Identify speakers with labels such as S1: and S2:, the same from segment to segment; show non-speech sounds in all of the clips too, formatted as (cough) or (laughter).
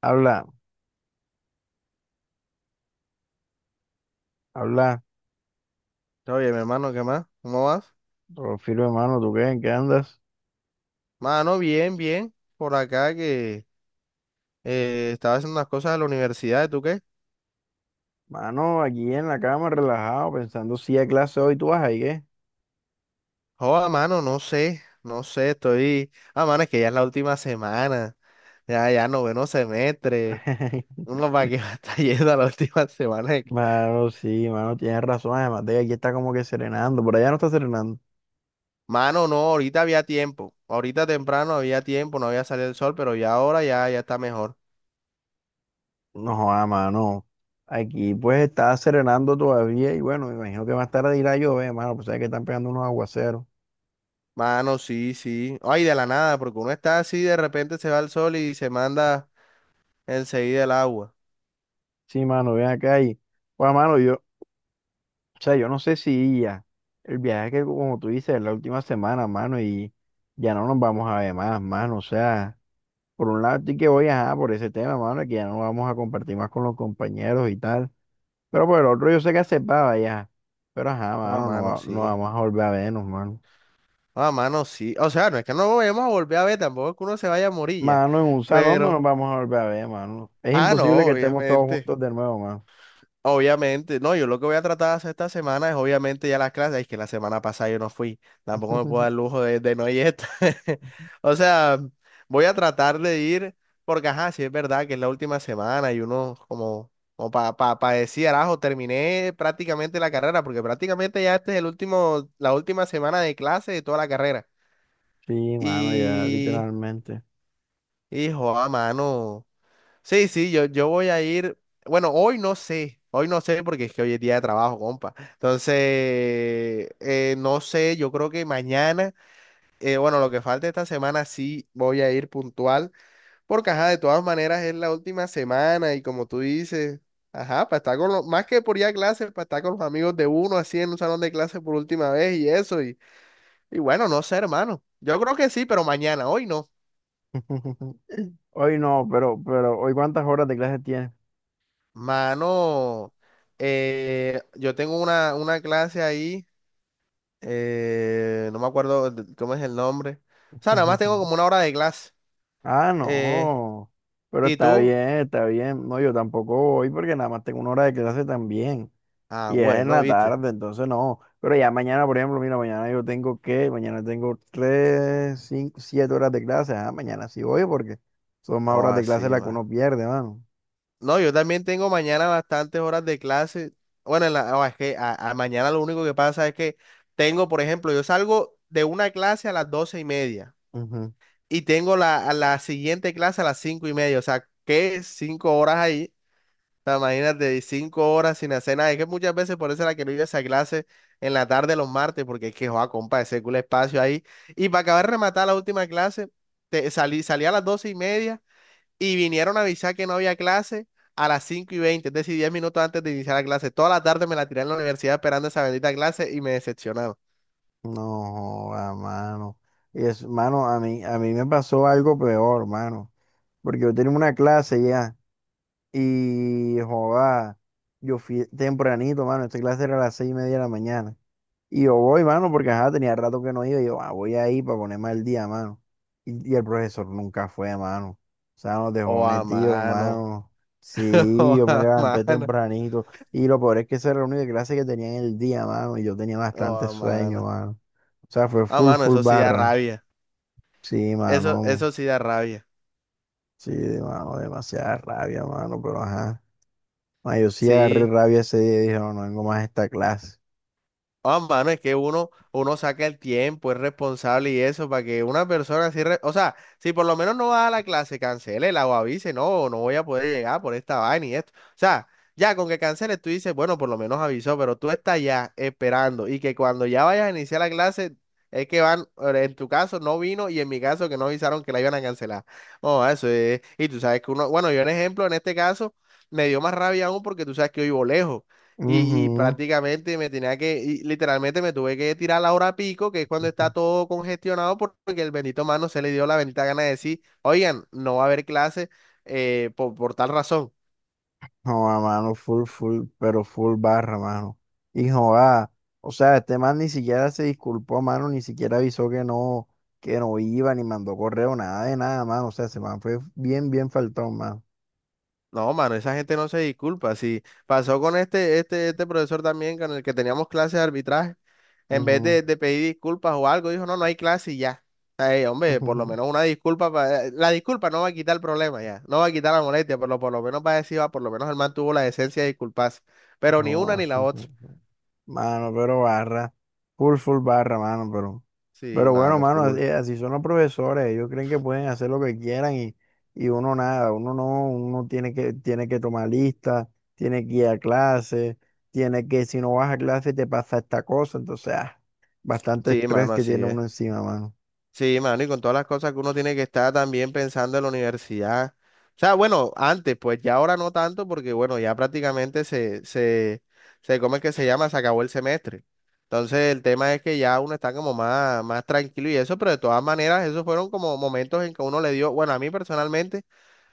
S1: Habla, habla,
S2: Todo bien, mi hermano, ¿qué más? ¿Cómo vas?
S1: Rofilo hermano, ¿tú qué? ¿En qué andas?
S2: Mano, bien, bien. Por acá que estaba haciendo unas cosas de la universidad. ¿Tú qué?
S1: Mano, aquí en la cama, relajado, pensando si a clase hoy, ¿tú vas ahí qué?
S2: Joda, mano, no sé, no sé, estoy. Ah, mano, es que ya es la última semana, ya noveno semestre.
S1: (laughs)
S2: Uno para que (laughs) va a estar yendo a la última semana.
S1: Mano, sí, mano, tienes razón, además de que aquí está como que serenando, por allá no está serenando.
S2: Mano, no, ahorita había tiempo. Ahorita temprano había tiempo, no había salido el sol, pero ya ahora ya está mejor.
S1: No, joda mano, aquí pues está serenando todavía y bueno, me imagino que más tarde irá a llover, mano, pues sabes que están pegando unos aguaceros.
S2: Mano, sí, sí. Ay, de la nada, porque uno está así, de repente se va el sol y se manda enseguida el agua.
S1: Sí, mano, ven acá y, pues, mano, yo, o sea, yo no sé si ya el viaje que, como tú dices, es la última semana, mano, y ya no nos vamos a ver más, mano. O sea, por un lado estoy que voy a por ese tema, mano, de que ya no vamos a compartir más con los compañeros y tal. Pero por el otro yo sé que aceptaba ya. Pero ajá,
S2: Ah,
S1: mano, no,
S2: mano,
S1: no
S2: sí.
S1: vamos a volver a vernos, mano.
S2: Ah, mano, sí. O sea, no es que no lo vayamos a volver a ver, tampoco es que uno se vaya a morir.
S1: Mano, en un salón no nos
S2: Pero,
S1: vamos a volver a ver, mano. Es
S2: ah,
S1: imposible
S2: no,
S1: que estemos todos
S2: obviamente.
S1: juntos de nuevo, mano.
S2: Obviamente. No, yo lo que voy a tratar de hacer esta semana es obviamente ya las clases. Es que la semana pasada yo no fui. Tampoco me puedo dar el
S1: (laughs)
S2: lujo de no ir esta. (laughs) O sea, voy a tratar de ir, porque ajá, sí es verdad que es la última semana y uno como para pa decir, arajo, terminé prácticamente la carrera, porque prácticamente ya este es el último, la última semana de clase de toda la carrera.
S1: Sí, mano, ya,
S2: Y,
S1: literalmente.
S2: hijo, a mano. Sí, sí, yo voy a ir. Bueno, hoy no sé. Hoy no sé porque es que hoy es día de trabajo, compa. Entonces, no sé, yo creo que mañana, bueno, lo que falta esta semana sí voy a ir puntual, porque ajá, de todas maneras es la última semana y como tú dices, ajá, para estar con los, más que por ir a clases, para estar con los amigos de uno así en un salón de clases por última vez y eso, y bueno, no sé, hermano. Yo creo que sí, pero mañana, hoy no.
S1: (laughs) Hoy no, pero, ¿hoy cuántas horas de clase tienes?
S2: Mano, yo tengo una clase ahí, no me acuerdo cómo es el nombre. O sea, nada más tengo como
S1: (laughs)
S2: una hora de clase.
S1: Ah,
S2: Eh,
S1: no. Pero
S2: ¿Y
S1: está
S2: tú?
S1: bien, está bien. No, yo tampoco voy porque nada más tengo una hora de clase también.
S2: Ah,
S1: Y es en
S2: bueno,
S1: la
S2: viste.
S1: tarde, entonces no. Pero ya mañana, por ejemplo, mira, mañana yo tengo que, mañana tengo tres, cinco, siete horas de clase. Ah, mañana sí voy porque son más
S2: Oh,
S1: horas de clase
S2: así,
S1: las que
S2: ma.
S1: uno pierde, mano.
S2: No, yo también tengo mañana bastantes horas de clase. Bueno, oh, es que a mañana lo único que pasa es que tengo, por ejemplo, yo salgo de una clase a las 12:30
S1: Ujú.
S2: y tengo a la siguiente clase a las 5:30. O sea, ¿qué? 5 horas ahí. Imagínate, y 5 horas sin hacer nada. Es que muchas veces por eso era que no iba a esa clase en la tarde los martes, porque es que, joa, compa, ese culo espacio ahí. Y para acabar de rematar la última clase, salí a las 12:30 y vinieron a avisar que no había clase a las 5:20, es decir, 10 minutos antes de iniciar la clase. Toda la tarde me la tiré en la universidad esperando esa bendita clase y me decepcionaron.
S1: No, a mano. Y es, mano, a mí, me pasó algo peor, mano. Porque yo tenía una clase ya. Y joda, yo fui tempranito, mano. Esta clase era a las seis y media de la mañana. Y yo voy, mano, porque ajá, tenía rato que no iba. Y yo, ah, voy ahí para ponerme al día, mano. Y el profesor nunca fue, mano. O sea, nos dejó
S2: Oh, a
S1: metido,
S2: mano.
S1: mano.
S2: (laughs)
S1: Sí,
S2: Oh,
S1: yo me
S2: a
S1: levanté
S2: mano.
S1: tempranito. Y lo peor es que esa era la única clase que tenía en el día, mano. Y yo tenía
S2: Oh,
S1: bastante
S2: a
S1: sueño,
S2: mano.
S1: mano. O sea, fue
S2: A
S1: full,
S2: mano,
S1: full
S2: eso sí da
S1: barra.
S2: rabia.
S1: Sí,
S2: Eso,
S1: mano.
S2: eso sí da rabia.
S1: Sí, mano, demasiada rabia, mano, pero ajá. Ah, yo sí agarré
S2: Sí.
S1: rabia ese día y dije, no, no vengo más a esta clase.
S2: Ah, mano, es que uno saca el tiempo, es responsable y eso, para que una persona así, o sea, si por lo menos no va a la clase, cancele la o avise, no, no voy a poder llegar por esta vaina y esto. O sea, ya con que canceles tú dices, bueno, por lo menos avisó, pero tú estás ya esperando y que cuando ya vayas a iniciar la clase, es que van, en tu caso no vino y en mi caso que no avisaron que la iban a cancelar. Oh, eso es, y tú sabes que uno, bueno, yo en ejemplo, en este caso, me dio más rabia aún porque tú sabes que yo vivo lejos. Y
S1: Ujú.
S2: prácticamente me tenía que, y literalmente me tuve que tirar a la hora pico, que es cuando está todo congestionado, porque el bendito mano se le dio la bendita gana de decir, oigan, no va a haber clase por, tal razón.
S1: No, a mano, full, full, pero full barra, mano. Hijo, ah, o sea, este man ni siquiera se disculpó, mano, ni siquiera avisó que no iba, ni mandó correo, nada de nada, mano. O sea, ese man fue bien, bien faltón, mano.
S2: No, mano, esa gente no se disculpa. Si pasó con este profesor también con el que teníamos clases de arbitraje. En vez
S1: Ujú,
S2: de pedir disculpas o algo, dijo, no, no hay clase y ya. Ay, hombre,
S1: ujú,
S2: por
S1: ujú.
S2: lo menos una disculpa. La disculpa no va a quitar el problema ya, no va a quitar la molestia, pero por lo menos va a decir, "Ah, por lo menos el man tuvo la decencia de disculparse". Pero ni una
S1: No,
S2: ni la
S1: (laughs)
S2: otra.
S1: Mano, pero barra. Full, full barra, mano, pero.
S2: Sí,
S1: Pero bueno,
S2: mano,
S1: mano,
S2: full.
S1: así así son los profesores. Ellos creen que pueden hacer lo que quieran y uno nada. Uno no, uno tiene que, tomar lista, tiene que ir a clase, tiene que, si no vas a clase, te pasa esta cosa. Entonces, ah, bastante
S2: Sí,
S1: estrés
S2: mano,
S1: que
S2: así
S1: tiene
S2: es.
S1: uno encima, mano.
S2: Sí, mano, y con todas las cosas que uno tiene que estar también pensando en la universidad. O sea, bueno, antes, pues ya ahora no tanto, porque bueno, ya prácticamente se, ¿cómo es que se llama? Se acabó el semestre. Entonces, el tema es que ya uno está como más, más tranquilo y eso, pero de todas maneras, esos fueron como momentos en que uno le dio, bueno, a mí personalmente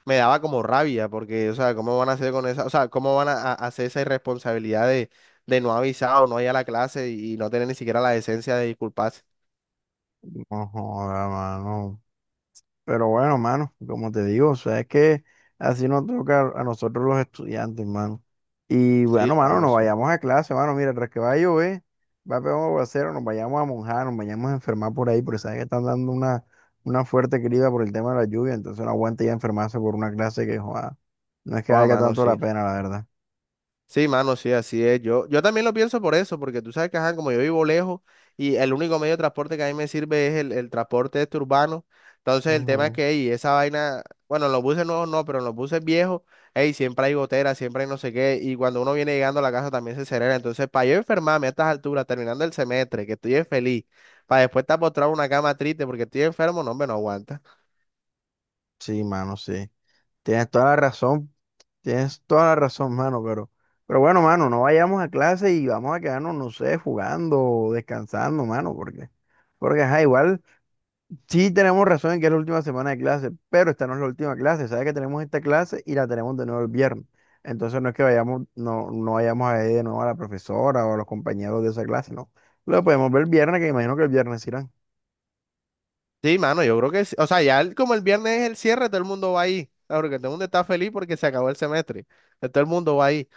S2: me daba como rabia, porque, o sea, ¿cómo van a hacer con esa, o sea, cómo van hacer esa irresponsabilidad de no avisar o no ir a la clase y no tener ni siquiera la decencia de disculparse?
S1: No joda, mano. Pero bueno, mano, como te digo, o sea, es que así nos toca a nosotros los estudiantes, mano. Y
S2: Sí,
S1: bueno, mano,
S2: mano,
S1: nos
S2: sí.
S1: vayamos a clase, mano. Mira, tras que va a llover, va a pegar un aguacero, nos vayamos a monjar, nos vayamos a enfermar por ahí, porque sabes que están dando una fuerte crida por el tema de la lluvia, entonces no aguanta ya enfermarse por una clase que, joda, no es que
S2: O a
S1: valga
S2: mano,
S1: tanto la
S2: sí.
S1: pena, la verdad.
S2: Sí, mano, sí, así es. Yo también lo pienso por eso, porque tú sabes que, ajá, como yo vivo lejos y el único medio de transporte que a mí me sirve es el transporte este urbano. Entonces, el tema es
S1: Ujú.
S2: que, ey, esa vaina, bueno, en los buses nuevos no, pero en los buses viejos, ey, siempre hay goteras, siempre hay no sé qué. Y cuando uno viene llegando a la casa también se acelera. Entonces, para yo enfermarme a estas alturas, terminando el semestre, que estoy feliz, para después estar postrado en una cama triste porque estoy enfermo, no, hombre, no aguanta.
S1: Sí, mano, sí. Tienes toda la razón. Tienes toda la razón, mano, pero, bueno, mano, no vayamos a clase y vamos a quedarnos, no sé, jugando o descansando, mano, porque ajá, igual sí tenemos razón en que es la última semana de clase, pero esta no es la última clase, sabes que tenemos esta clase y la tenemos de nuevo el viernes. Entonces no es que vayamos, no, no vayamos a ver de nuevo a la profesora o a los compañeros de esa clase, no. Lo podemos ver el viernes, que imagino que el viernes irán.
S2: Sí, mano, yo creo que sí. O sea, ya como el viernes es el cierre, todo el mundo va ahí. Ah, porque todo el mundo está feliz porque se acabó el semestre. Entonces, todo el mundo va ahí.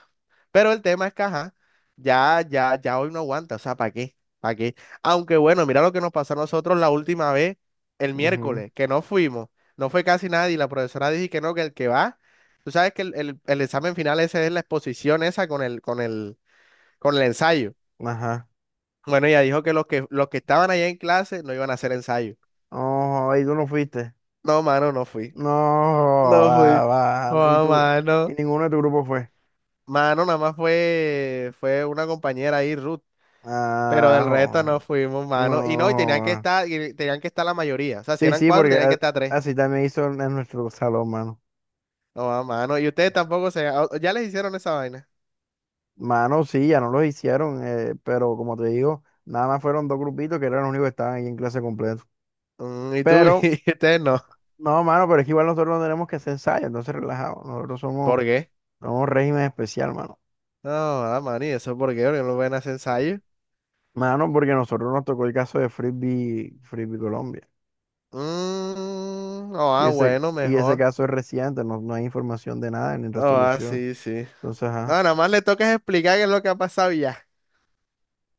S2: Pero el tema es que, ajá, ya, ya, ya hoy no aguanta. O sea, ¿para qué? ¿Para qué? Aunque bueno, mira lo que nos pasó a nosotros la última vez, el
S1: Ujú,
S2: miércoles, que no fuimos. No fue casi nadie. La profesora dijo que no, que el que va. Tú sabes que el, el examen final ese es la exposición esa con el, con el ensayo.
S1: ajá.
S2: Bueno, ella dijo que los que estaban allá en clase no iban a hacer ensayo.
S1: No, y tú no fuiste.
S2: No, mano, no fui.
S1: No,
S2: No
S1: ah,
S2: fui.
S1: va, y
S2: Joda,
S1: tú, y
S2: mano.
S1: ninguno de tu grupo fue.
S2: Mano, nada más fue una compañera ahí, Ruth. Pero
S1: Ah,
S2: del resto no
S1: joder.
S2: fuimos,
S1: No.
S2: mano. Y no, y tenían que
S1: Joder.
S2: estar, y tenían que estar la mayoría. O sea, si
S1: Sí,
S2: eran
S1: sí,
S2: cuatro,
S1: porque
S2: tenían que estar tres.
S1: así también hizo en nuestro salón, mano.
S2: No, mano. Y ustedes tampoco ya les hicieron esa vaina.
S1: Mano, sí, ya no los hicieron, pero como te digo, nada más fueron dos grupitos que eran los únicos que estaban ahí en clase completo.
S2: Mm, y tú, (laughs)
S1: Pero,
S2: y ustedes no.
S1: no, mano, pero es que igual nosotros no tenemos que hacer ensayos, entonces relajados. Nosotros somos,
S2: ¿Por qué?
S1: somos régimen especial, mano.
S2: No, ah, mano, ¿y eso por qué? Porque no ven a hacer ensayo.
S1: Mano, porque a nosotros nos tocó el caso de Frisbee, Frisbee Colombia.
S2: Mm, no,
S1: Y
S2: ah,
S1: ese,
S2: bueno,
S1: y ese
S2: mejor.
S1: caso es reciente, no, no hay información de nada ni
S2: No, ah,
S1: resolución.
S2: sí, sí.
S1: Entonces,
S2: No,
S1: ajá.
S2: nada más le tocas explicar qué es lo que ha pasado y ya.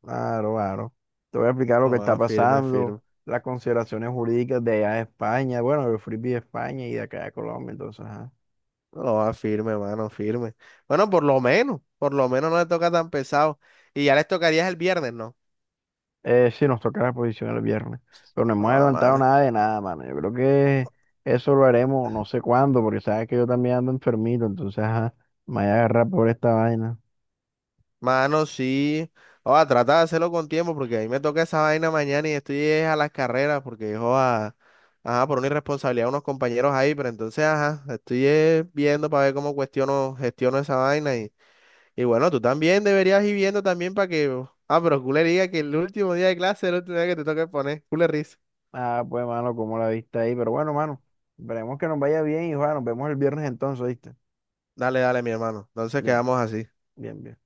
S1: Claro, claro. Te voy a explicar lo que
S2: No,
S1: está
S2: ah, firme,
S1: pasando,
S2: firme.
S1: las consideraciones jurídicas de allá de España, bueno, del Frisbee de España y de acá de Colombia, entonces, ajá.
S2: No, va firme, mano, firme. Bueno, por lo menos no le toca tan pesado. Y ya les tocaría el viernes, ¿no?
S1: Sí, nos toca la posición el viernes, pero no hemos
S2: Ah,
S1: adelantado
S2: mano.
S1: nada de nada, mano. Yo creo que eso lo haremos no sé cuándo, porque sabes que yo también ando enfermito, entonces, ajá, me voy a agarrar por esta vaina.
S2: Mano, sí. Oh, trata de hacerlo con tiempo porque a mí me toca esa vaina mañana y estoy es a las carreras porque, joda, ajá, por una irresponsabilidad de unos compañeros ahí, pero entonces, ajá, estoy es viendo para ver cómo cuestiono, gestiono esa vaina y bueno, tú también deberías ir viendo también para que, ah, pero culé diga que el último día de clase es el último día que te toca poner, culé risa.
S1: Ah, pues, mano, como la viste ahí, pero bueno, mano, esperemos que nos vaya bien y, bueno, nos vemos el viernes entonces, ¿viste?
S2: Dale, dale, mi hermano. Entonces
S1: Bien,
S2: quedamos así.
S1: bien, bien.